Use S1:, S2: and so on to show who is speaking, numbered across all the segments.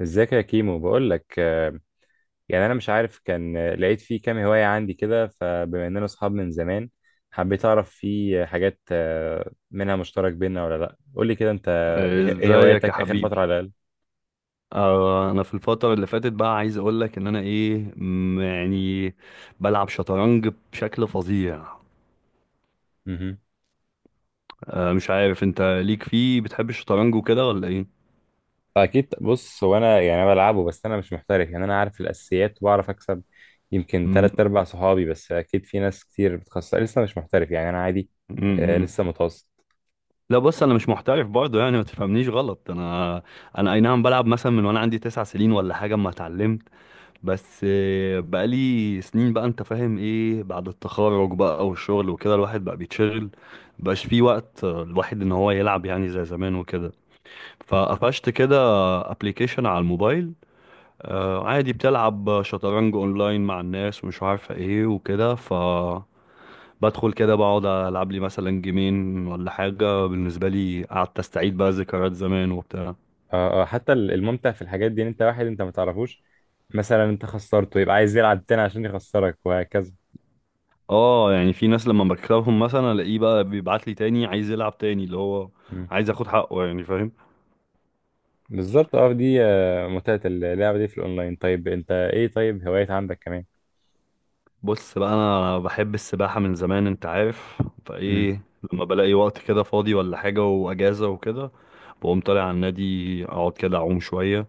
S1: ازيك يا كيمو؟ بقول لك، يعني انا مش عارف كان لقيت فيه كام هواية عندي كده. فبما اننا اصحاب من زمان، حبيت اعرف فيه حاجات منها مشترك بينا ولا لا. قول لي كده انت، إيه
S2: ازيك يا
S1: هواياتك اخر فترة
S2: حبيبي.
S1: على الاقل؟
S2: انا في الفتره اللي فاتت بقى عايز اقول لك ان انا ايه م- يعني بلعب شطرنج بشكل فظيع.
S1: مهم.
S2: مش عارف انت ليك فيه، بتحب الشطرنج وكده ولا ايه؟
S1: اكيد. بص، هو انا يعني أنا بلعبه، بس انا مش محترف. يعني انا عارف الاساسيات وبعرف اكسب يمكن
S2: م-
S1: تلات ارباع صحابي، بس اكيد في ناس كتير بتخسر. لسه مش محترف يعني، انا عادي،
S2: م- م.
S1: لسه متوسط.
S2: لا بص، انا مش محترف برضه، يعني ما تفهمنيش غلط. انا اي نعم بلعب مثلا من وانا عندي تسع سنين ولا حاجه اما اتعلمت، بس بقالي سنين بقى، انت فاهم، ايه بعد التخرج بقى والشغل وكده الواحد بقى بيتشغل، مبقاش فيه وقت الواحد ان هو يلعب يعني زي زمان وكده. فقفشت كده ابلكيشن على الموبايل، عادي، بتلعب شطرنج اونلاين مع الناس ومش عارفه ايه وكده، ف بدخل كده بقعد العب لي مثلا جيمين ولا حاجه، بالنسبه لي قعدت استعيد بقى ذكريات زمان وبتاع.
S1: اه اه، حتى الممتع في الحاجات دي ان انت واحد انت ما تعرفوش، مثلا انت خسرته يبقى عايز يلعب تاني عشان يخسرك وهكذا.
S2: اه يعني في ناس لما بكسبهم مثلا الاقيه بقى بيبعت لي تاني عايز يلعب تاني، اللي هو
S1: مم.
S2: عايز اخد حقه يعني، فاهم.
S1: بالظبط. اه، دي متعة اللعبة دي في الاونلاين. طيب انت، ايه طيب هوايات عندك كمان؟
S2: بص بقى، انا بحب السباحة من زمان انت عارف،
S1: مم.
S2: فايه لما بلاقي وقت كده فاضي ولا حاجة واجازة وكده، بقوم طالع على النادي اقعد كده اعوم شوية.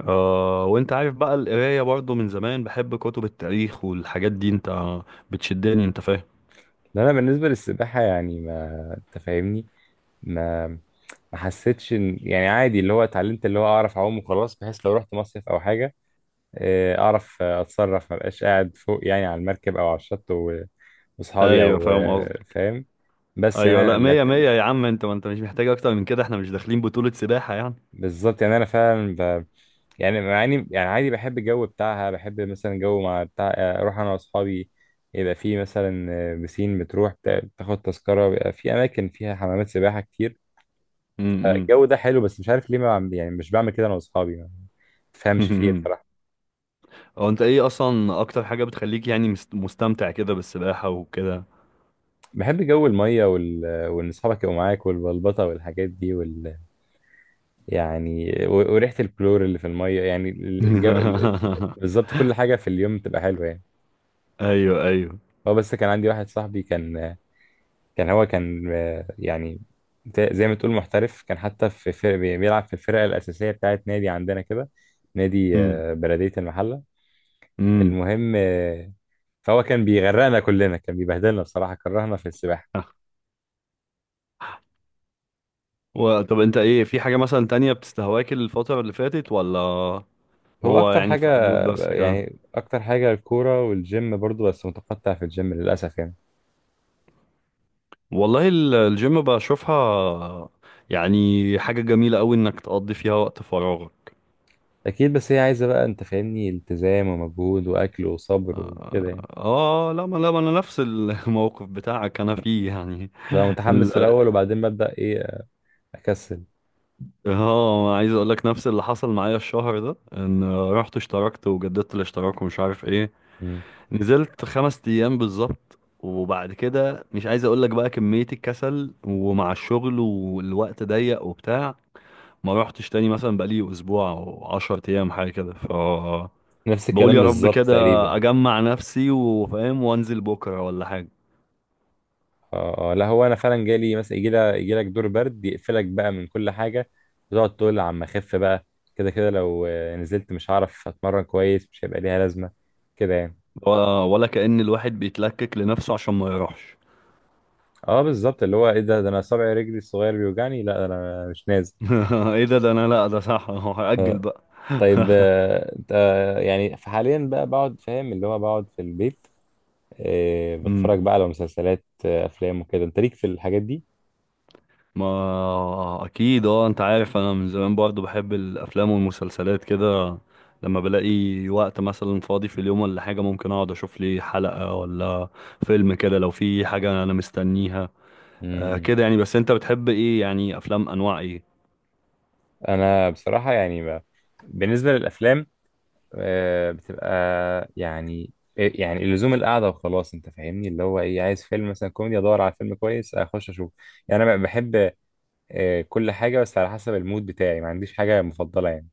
S2: آه وانت عارف بقى القراية برضو من زمان بحب كتب التاريخ والحاجات دي، انت بتشدني انت فاهم.
S1: لا، انا بالنسبة للسباحة يعني ما انت فاهمني، ما ما حسيتش ان يعني عادي. اللي هو اتعلمت، اللي هو اعرف اعوم وخلاص، بحيث لو رحت مصيف او حاجة اعرف اتصرف، ما بقاش قاعد فوق يعني على المركب او على الشط واصحابي،
S2: ايوه
S1: او
S2: فاهم قصدك.
S1: فاهم. بس يعني
S2: ايوه
S1: انا
S2: لا،
S1: لا-
S2: مية مية يا عم، انت ما انت مش محتاج اكتر من كده، احنا مش داخلين بطولة سباحة يعني.
S1: بالظبط. يعني انا فعلا يعني مع اني يعني عادي بحب الجو بتاعها. بحب مثلا جو مع بتاع، اروح انا واصحابي يبقى في مثلا بسين، بتروح تاخد تذكره، بيبقى في اماكن فيها حمامات سباحه كتير.
S2: امم.
S1: الجو ده حلو، بس مش عارف ليه ما بعمل- يعني مش بعمل كده انا واصحابي، ما تفهمش فيه إيه بصراحه.
S2: هو انت ايه اصلا اكتر حاجة بتخليك يعني مستمتع كده بالسباحة وكده؟
S1: بحب جو الميه وان اصحابك يبقوا معاك، والبلبطه والحاجات دي يعني، وريحة الكلور اللي في المية يعني، الجو. بالظبط، كل حاجة في اليوم تبقى حلوة يعني.
S2: ايوه ايوه.
S1: هو بس كان عندي واحد صاحبي، كان يعني زي ما تقول محترف، كان حتى في فرق بيلعب في الفرقة الأساسية بتاعت نادي عندنا كده، نادي
S2: امم،
S1: بلدية المحلة.
S2: امم.
S1: المهم، فهو كان بيغرقنا كلنا، كان بيبهدلنا بصراحة، كرهنا في السباحة.
S2: طب انت ايه، في حاجة مثلا تانية بتستهواك الفترة اللي فاتت ولا
S1: هو
S2: هو
S1: أكتر
S2: يعني
S1: حاجة،
S2: في حدود بس كده؟
S1: يعني أكتر حاجة، الكورة والجيم برضو، بس متقطع في الجيم للأسف يعني.
S2: والله الجيم بشوفها يعني حاجة جميلة قوي انك تقضي فيها وقت فراغك.
S1: اكيد، بس هي عايزه بقى انت فاهمني، التزام ومجهود واكل وصبر وكده
S2: اه
S1: يعني.
S2: لا، ما، لا، ما انا نفس الموقف بتاعك انا فيه يعني.
S1: بقى متحمس في الاول وبعدين ببدا ايه؟ اكسل.
S2: اه، عايز اقول لك نفس اللي حصل معايا الشهر ده، ان رحت اشتركت وجددت الاشتراك ومش عارف ايه،
S1: مم.
S2: نزلت خمس ايام بالظبط، وبعد كده مش عايز اقول لك بقى كمية الكسل، ومع الشغل والوقت ضيق وبتاع ما روحتش تاني، مثلا بقالي اسبوع او عشر ايام حاجة كده، ف
S1: نفس
S2: بقول
S1: الكلام
S2: يا رب
S1: بالظبط
S2: كده
S1: تقريبا.
S2: اجمع نفسي وفاهم وانزل بكرة ولا حاجة.
S1: اه، لا هو انا فعلا جالي مثلا يجي لك دور برد يقفلك بقى من كل حاجه، وتقعد تقول عم اخف بقى. كده كده لو نزلت مش هعرف اتمرن كويس، مش هيبقى ليها لازمه كده يعني.
S2: و- ولا كأن الواحد بيتلكك لنفسه عشان ما يروحش.
S1: اه بالظبط، اللي هو ايه، ده انا صابع رجلي الصغير بيوجعني، لا ده انا مش نازل.
S2: ايه ده انا لا، ده صح، هأجل
S1: آه، طيب، انت يعني حاليا بقى بقعد فاهم، اللي هو بقعد في البيت
S2: بقى.
S1: بتفرج بقى على مسلسلات، افلام وكده، انت ليك في الحاجات دي؟
S2: ما اكيد اه، انت عارف انا من زمان برضو بحب الافلام والمسلسلات كده، لما بلاقي وقت مثلا فاضي في اليوم ولا حاجة ممكن اقعد اشوف لي حلقة ولا فيلم كده، لو في حاجة انا مستنيها. آه
S1: امم.
S2: كده يعني، بس انت بتحب ايه يعني، افلام انواع ايه؟
S1: انا بصراحة يعني بالنسبة للافلام، بتبقى يعني يعني اللزوم القعدة وخلاص انت فاهمني. اللي هو ايه، عايز فيلم مثلا كوميدي، ادور على فيلم كويس اخش اشوف. يعني انا بحب كل حاجة، بس على حسب المود بتاعي، ما عنديش حاجة مفضلة يعني.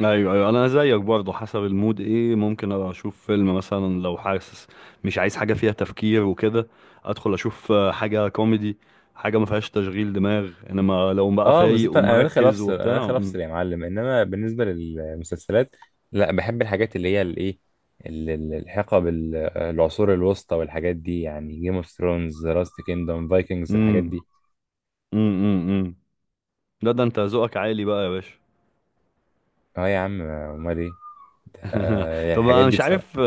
S2: ايوه ايوه، انا زيك برضو حسب المود، ايه ممكن ابقى اشوف فيلم مثلا لو حاسس مش عايز حاجة فيها تفكير وكده، ادخل اشوف حاجة كوميدي، حاجة ما فيهاش تشغيل دماغ، انما لو بقى
S1: اه
S2: فايق
S1: بالظبط، انا داخل
S2: ومركز
S1: افصل، انا
S2: وبتاع.
S1: داخل افصل يا معلم. انما بالنسبه للمسلسلات، لا بحب الحاجات اللي هي الايه، العصور الوسطى والحاجات دي، يعني جيم اوف ثرونز، لاست كيندوم، فايكنجز، الحاجات
S2: امم،
S1: دي.
S2: امم، امم، لا ده انت ذوقك عالي بقى يا باشا.
S1: اه يا عم، امال ايه؟ يعني
S2: طب
S1: الحاجات
S2: انا
S1: دي
S2: مش
S1: بصراحه.
S2: عارف،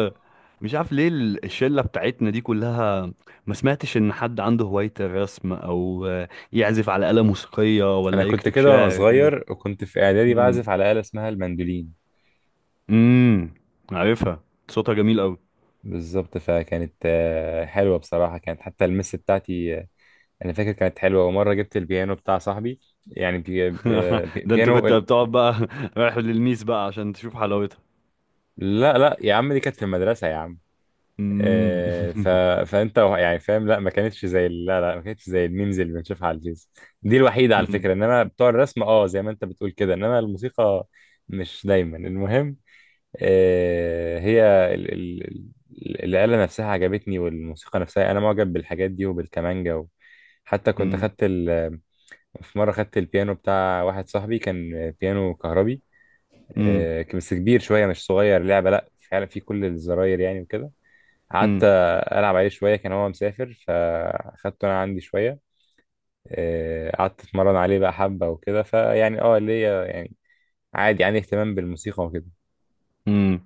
S2: مش عارف ليه الشله بتاعتنا دي كلها ما سمعتش ان حد عنده هوايه الرسم، او يعزف على آلة موسيقيه،
S1: انا
S2: ولا
S1: كنت
S2: يكتب
S1: كده وانا
S2: شعر كده.
S1: صغير، وكنت في اعدادي
S2: امم،
S1: بعزف على آلة اسمها المندولين.
S2: امم. عارفها، صوتها جميل قوي.
S1: بالظبط، فكانت حلوه بصراحه، كانت حتى المس بتاعتي انا فاكر كانت حلوه. ومره جبت البيانو بتاع صاحبي، يعني بي... آه، بي...
S2: ده انت كنت
S1: بيانو
S2: بتقعد بقى. رايح للميس بقى عشان تشوف حلاوتها.
S1: لا لا يا عم، دي كانت في المدرسة يا عم.
S2: امم.
S1: آه ف... فانت يعني فاهم. لا ما كانتش زي ال- لا لا ما كانتش زي الميمز اللي بنشوفها على الفيس، دي الوحيدة على
S2: امم،
S1: فكرة. انما بتوع الرسم اه زي ما انت بتقول كده، انما الموسيقى مش دايما. المهم، آه هي ال... ال... الآلة نفسها عجبتني، والموسيقى نفسها انا معجب بالحاجات دي وبالكمانجا حتى كنت
S2: امم،
S1: خدت في مرة خدت البيانو بتاع واحد صاحبي، كان بيانو كهربي
S2: امم،
S1: بس كبير شويه مش صغير لعبه. لا فعلا في كل الزراير يعني وكده. قعدت العب عليه شويه، كان هو مسافر فاخدته انا عندي شويه. قعدت اتمرن عليه بقى، حبه وكده. فيعني اه ليا يعني عادي، عندي اهتمام بالموسيقى وكده.
S2: امم.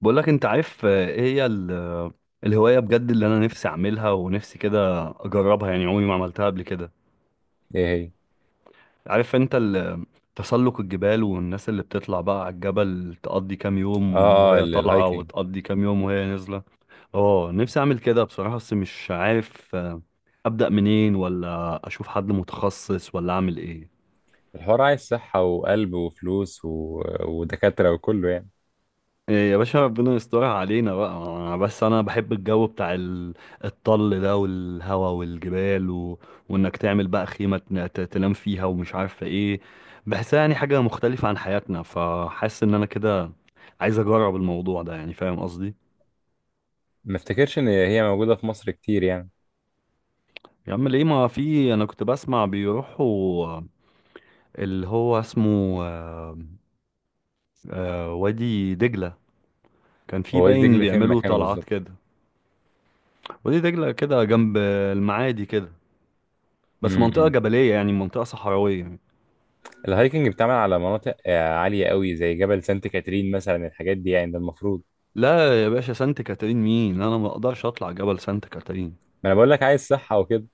S2: بقول لك انت عارف، ايه هي الهواية بجد اللي انا نفسي اعملها ونفسي كده اجربها، يعني عمري ما عملتها قبل كده.
S1: ايه هي؟
S2: عارف انت تسلق الجبال، والناس اللي بتطلع بقى على الجبل تقضي كام يوم
S1: اه اه،
S2: وهي طالعة
S1: الهايكنج.
S2: وتقضي كام يوم وهي نازلة؟ اه نفسي اعمل كده بصراحة، بس مش عارف ابدأ منين، ولا اشوف حد متخصص، ولا اعمل ايه.
S1: الحوار عايز صحه وقلب وفلوس ودكاتره وكله يعني.
S2: إيه يا باشا، ربنا يسترها علينا بقى، أنا بس انا بحب الجو بتاع الطل ده والهوا والجبال، و... وانك تعمل بقى خيمة تنام فيها ومش عارفة ايه، بحسها يعني حاجة مختلفة عن حياتنا، فحاسس ان انا كده عايز اجرب الموضوع ده يعني، فاهم قصدي.
S1: ما افتكرش ان هي موجوده في مصر كتير يعني.
S2: يا عم ليه، ما في، انا كنت بسمع بيروحوا اللي هو اسمه وادي دجلة، كان في
S1: هو وادي
S2: باين
S1: دجله فين
S2: بيعملوا
S1: مكانه
S2: طلعات
S1: بالظبط؟
S2: كده. وادي دجلة كده جنب المعادي كده، بس
S1: م-
S2: منطقة
S1: م.
S2: جبلية يعني، منطقة صحراوية يعني.
S1: الهايكنج بتعمل على مناطق عالية قوي زي جبل سانت كاترين مثلا، الحاجات دي يعني، ده المفروض.
S2: لا يا باشا، سانت كاترين مين، انا ما اقدرش اطلع جبل سانت كاترين.
S1: ما انا بقول لك عايز صحة وكده.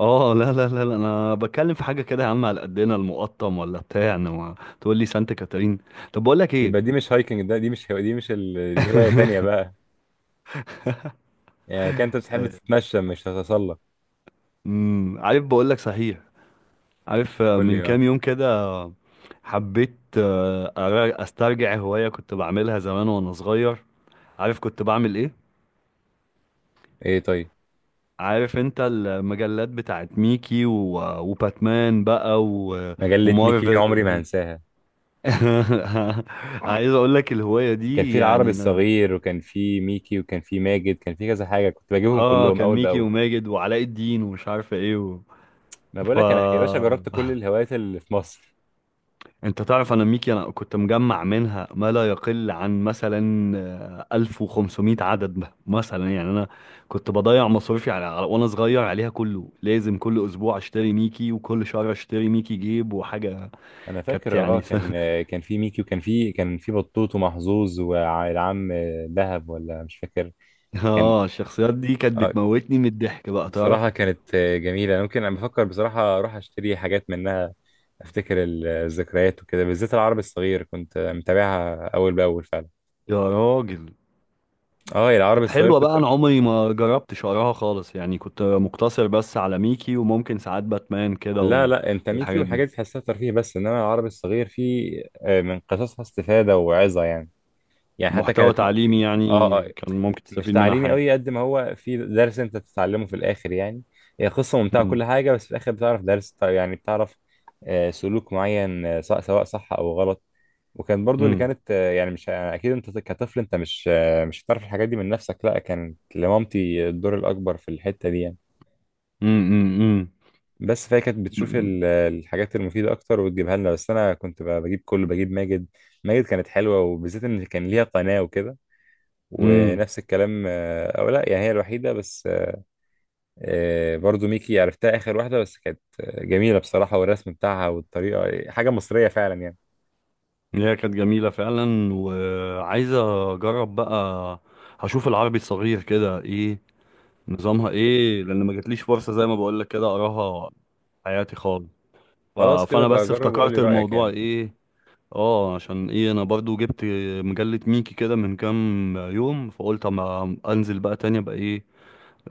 S2: اه لا، لا، لا، لا، انا بتكلم في حاجة كده يا عم على قدنا، المقطم ولا بتاع، انما تقول لي سانت كاترين. طب بقول لك ايه،
S1: يبقى دي مش هايكنج ده، دي مش هو... دي مش ال... دي هواية تانية بقى. يعني كان انت بتحب
S2: آه،
S1: تتمشى مش تتسلق.
S2: امم، عارف بقول لك صحيح، عارف
S1: قول
S2: من
S1: لي
S2: كام
S1: اه.
S2: يوم كده حبيت استرجع هواية كنت بعملها زمان وانا صغير، عارف كنت بعمل ايه؟
S1: ايه طيب.
S2: عارف انت المجلات بتاعت ميكي و... وباتمان بقى و...
S1: مجلة ميكي
S2: ومارفل
S1: عمري ما
S2: وكده.
S1: هنساها.
S2: عايز اقول لك الهواية
S1: كان
S2: دي
S1: في العربي
S2: يعني انا،
S1: الصغير، وكان في ميكي، وكان في ماجد، كان في كذا حاجة كنت بجيبهم
S2: اه
S1: كلهم
S2: كان
S1: أول
S2: ميكي
S1: بأول.
S2: وماجد وعلاء الدين ومش عارفة ايه. و...
S1: ما بقول
S2: ف
S1: لك انا يا باشا، جربت كل الهوايات اللي في مصر.
S2: انت تعرف انا ميكي، انا كنت مجمع منها ما لا يقل عن مثلا 1500 عدد مثلا يعني، انا كنت بضيع مصروفي على وانا صغير عليها كله، لازم كل اسبوع اشتري ميكي وكل شهر اشتري ميكي جيب وحاجة.
S1: انا
S2: كانت
S1: فاكر اه،
S2: يعني
S1: كان كان في ميكي وكان في كان في بطوط ومحظوظ والعم دهب، ولا مش فاكر. كان
S2: اه الشخصيات دي كانت
S1: آه،
S2: بتموتني من الضحك بقى، تعرف.
S1: بصراحة كانت جميلة. ممكن انا بفكر بصراحة اروح اشتري حاجات منها، افتكر الذكريات وكده، بالذات العربي الصغير كنت متابعها اول باول فعلا.
S2: يا راجل،
S1: اه العربي
S2: كانت
S1: الصغير
S2: حلوة
S1: كنت.
S2: بقى، انا عمري ما جربت شعرها خالص يعني، كنت مقتصر بس على ميكي وممكن ساعات باتمان كده.
S1: لا لا، انت ميكي
S2: والحاجات دي
S1: والحاجات دي تحسها ترفيه بس، انما العربي الصغير فيه من قصصها استفادة وعظة يعني. يعني حتى
S2: محتوى
S1: كانت
S2: تعليمي
S1: اه
S2: يعني، كان ممكن
S1: مش
S2: تستفيد منها
S1: تعليمي
S2: حاجة.
S1: قوي قد ما هو في درس انت تتعلمه في الاخر يعني. هي قصه ممتعه
S2: امم،
S1: كل حاجه، بس في الاخر بتعرف درس، يعني بتعرف سلوك معين، سواء صح او غلط. وكان برضو اللي
S2: امم،
S1: كانت يعني مش يعني، اكيد انت كطفل انت مش مش هتعرف الحاجات دي من نفسك، لا كانت لمامتي الدور الاكبر في الحته دي يعني.
S2: امم، امم،
S1: بس فهي كانت بتشوف الحاجات المفيده اكتر وتجيبها لنا، بس انا كنت بجيب كله، بجيب ماجد. ماجد كانت حلوه، وبالذات ان كان ليها قناه وكده،
S2: امم.
S1: ونفس الكلام او لا يعني هي الوحيده بس. برضو ميكي عرفتها آخر واحدة، بس كانت جميلة بصراحة، والرسم بتاعها والطريقة حاجة مصرية فعلا يعني.
S2: هي كانت جميلة فعلا، وعايزة اجرب بقى، هشوف العربي الصغير كده ايه، نظامها ايه، لان ما جاتليش فرصة زي ما بقولك كده اقراها حياتي خالص. ف-
S1: خلاص كده
S2: فانا
S1: بقى،
S2: بس
S1: جرب وقولي
S2: افتكرت
S1: رأيك
S2: الموضوع
S1: يعني.
S2: ايه، اه عشان ايه انا برضو جبت مجلة ميكي كده من كام يوم، فقلت اما انزل بقى تاني ابقى ايه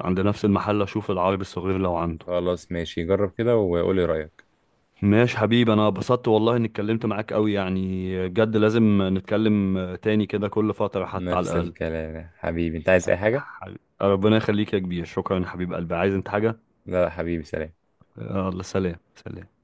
S2: عند نفس المحل اشوف العربي الصغير لو عنده.
S1: خلاص ماشي، جرب كده وقولي رأيك.
S2: ماشي حبيبي، انا اتبسطت والله اني اتكلمت معاك قوي يعني، بجد لازم نتكلم تاني كده كل فترة حتى على
S1: نفس
S2: الاقل.
S1: الكلام يا حبيبي، انت عايز اي حاجة؟
S2: ربنا يخليك يا كبير، شكرا يا حبيب قلبي، عايز انت حاجة؟
S1: لا لا، حبيبي سلام.
S2: يلا سلام سلام.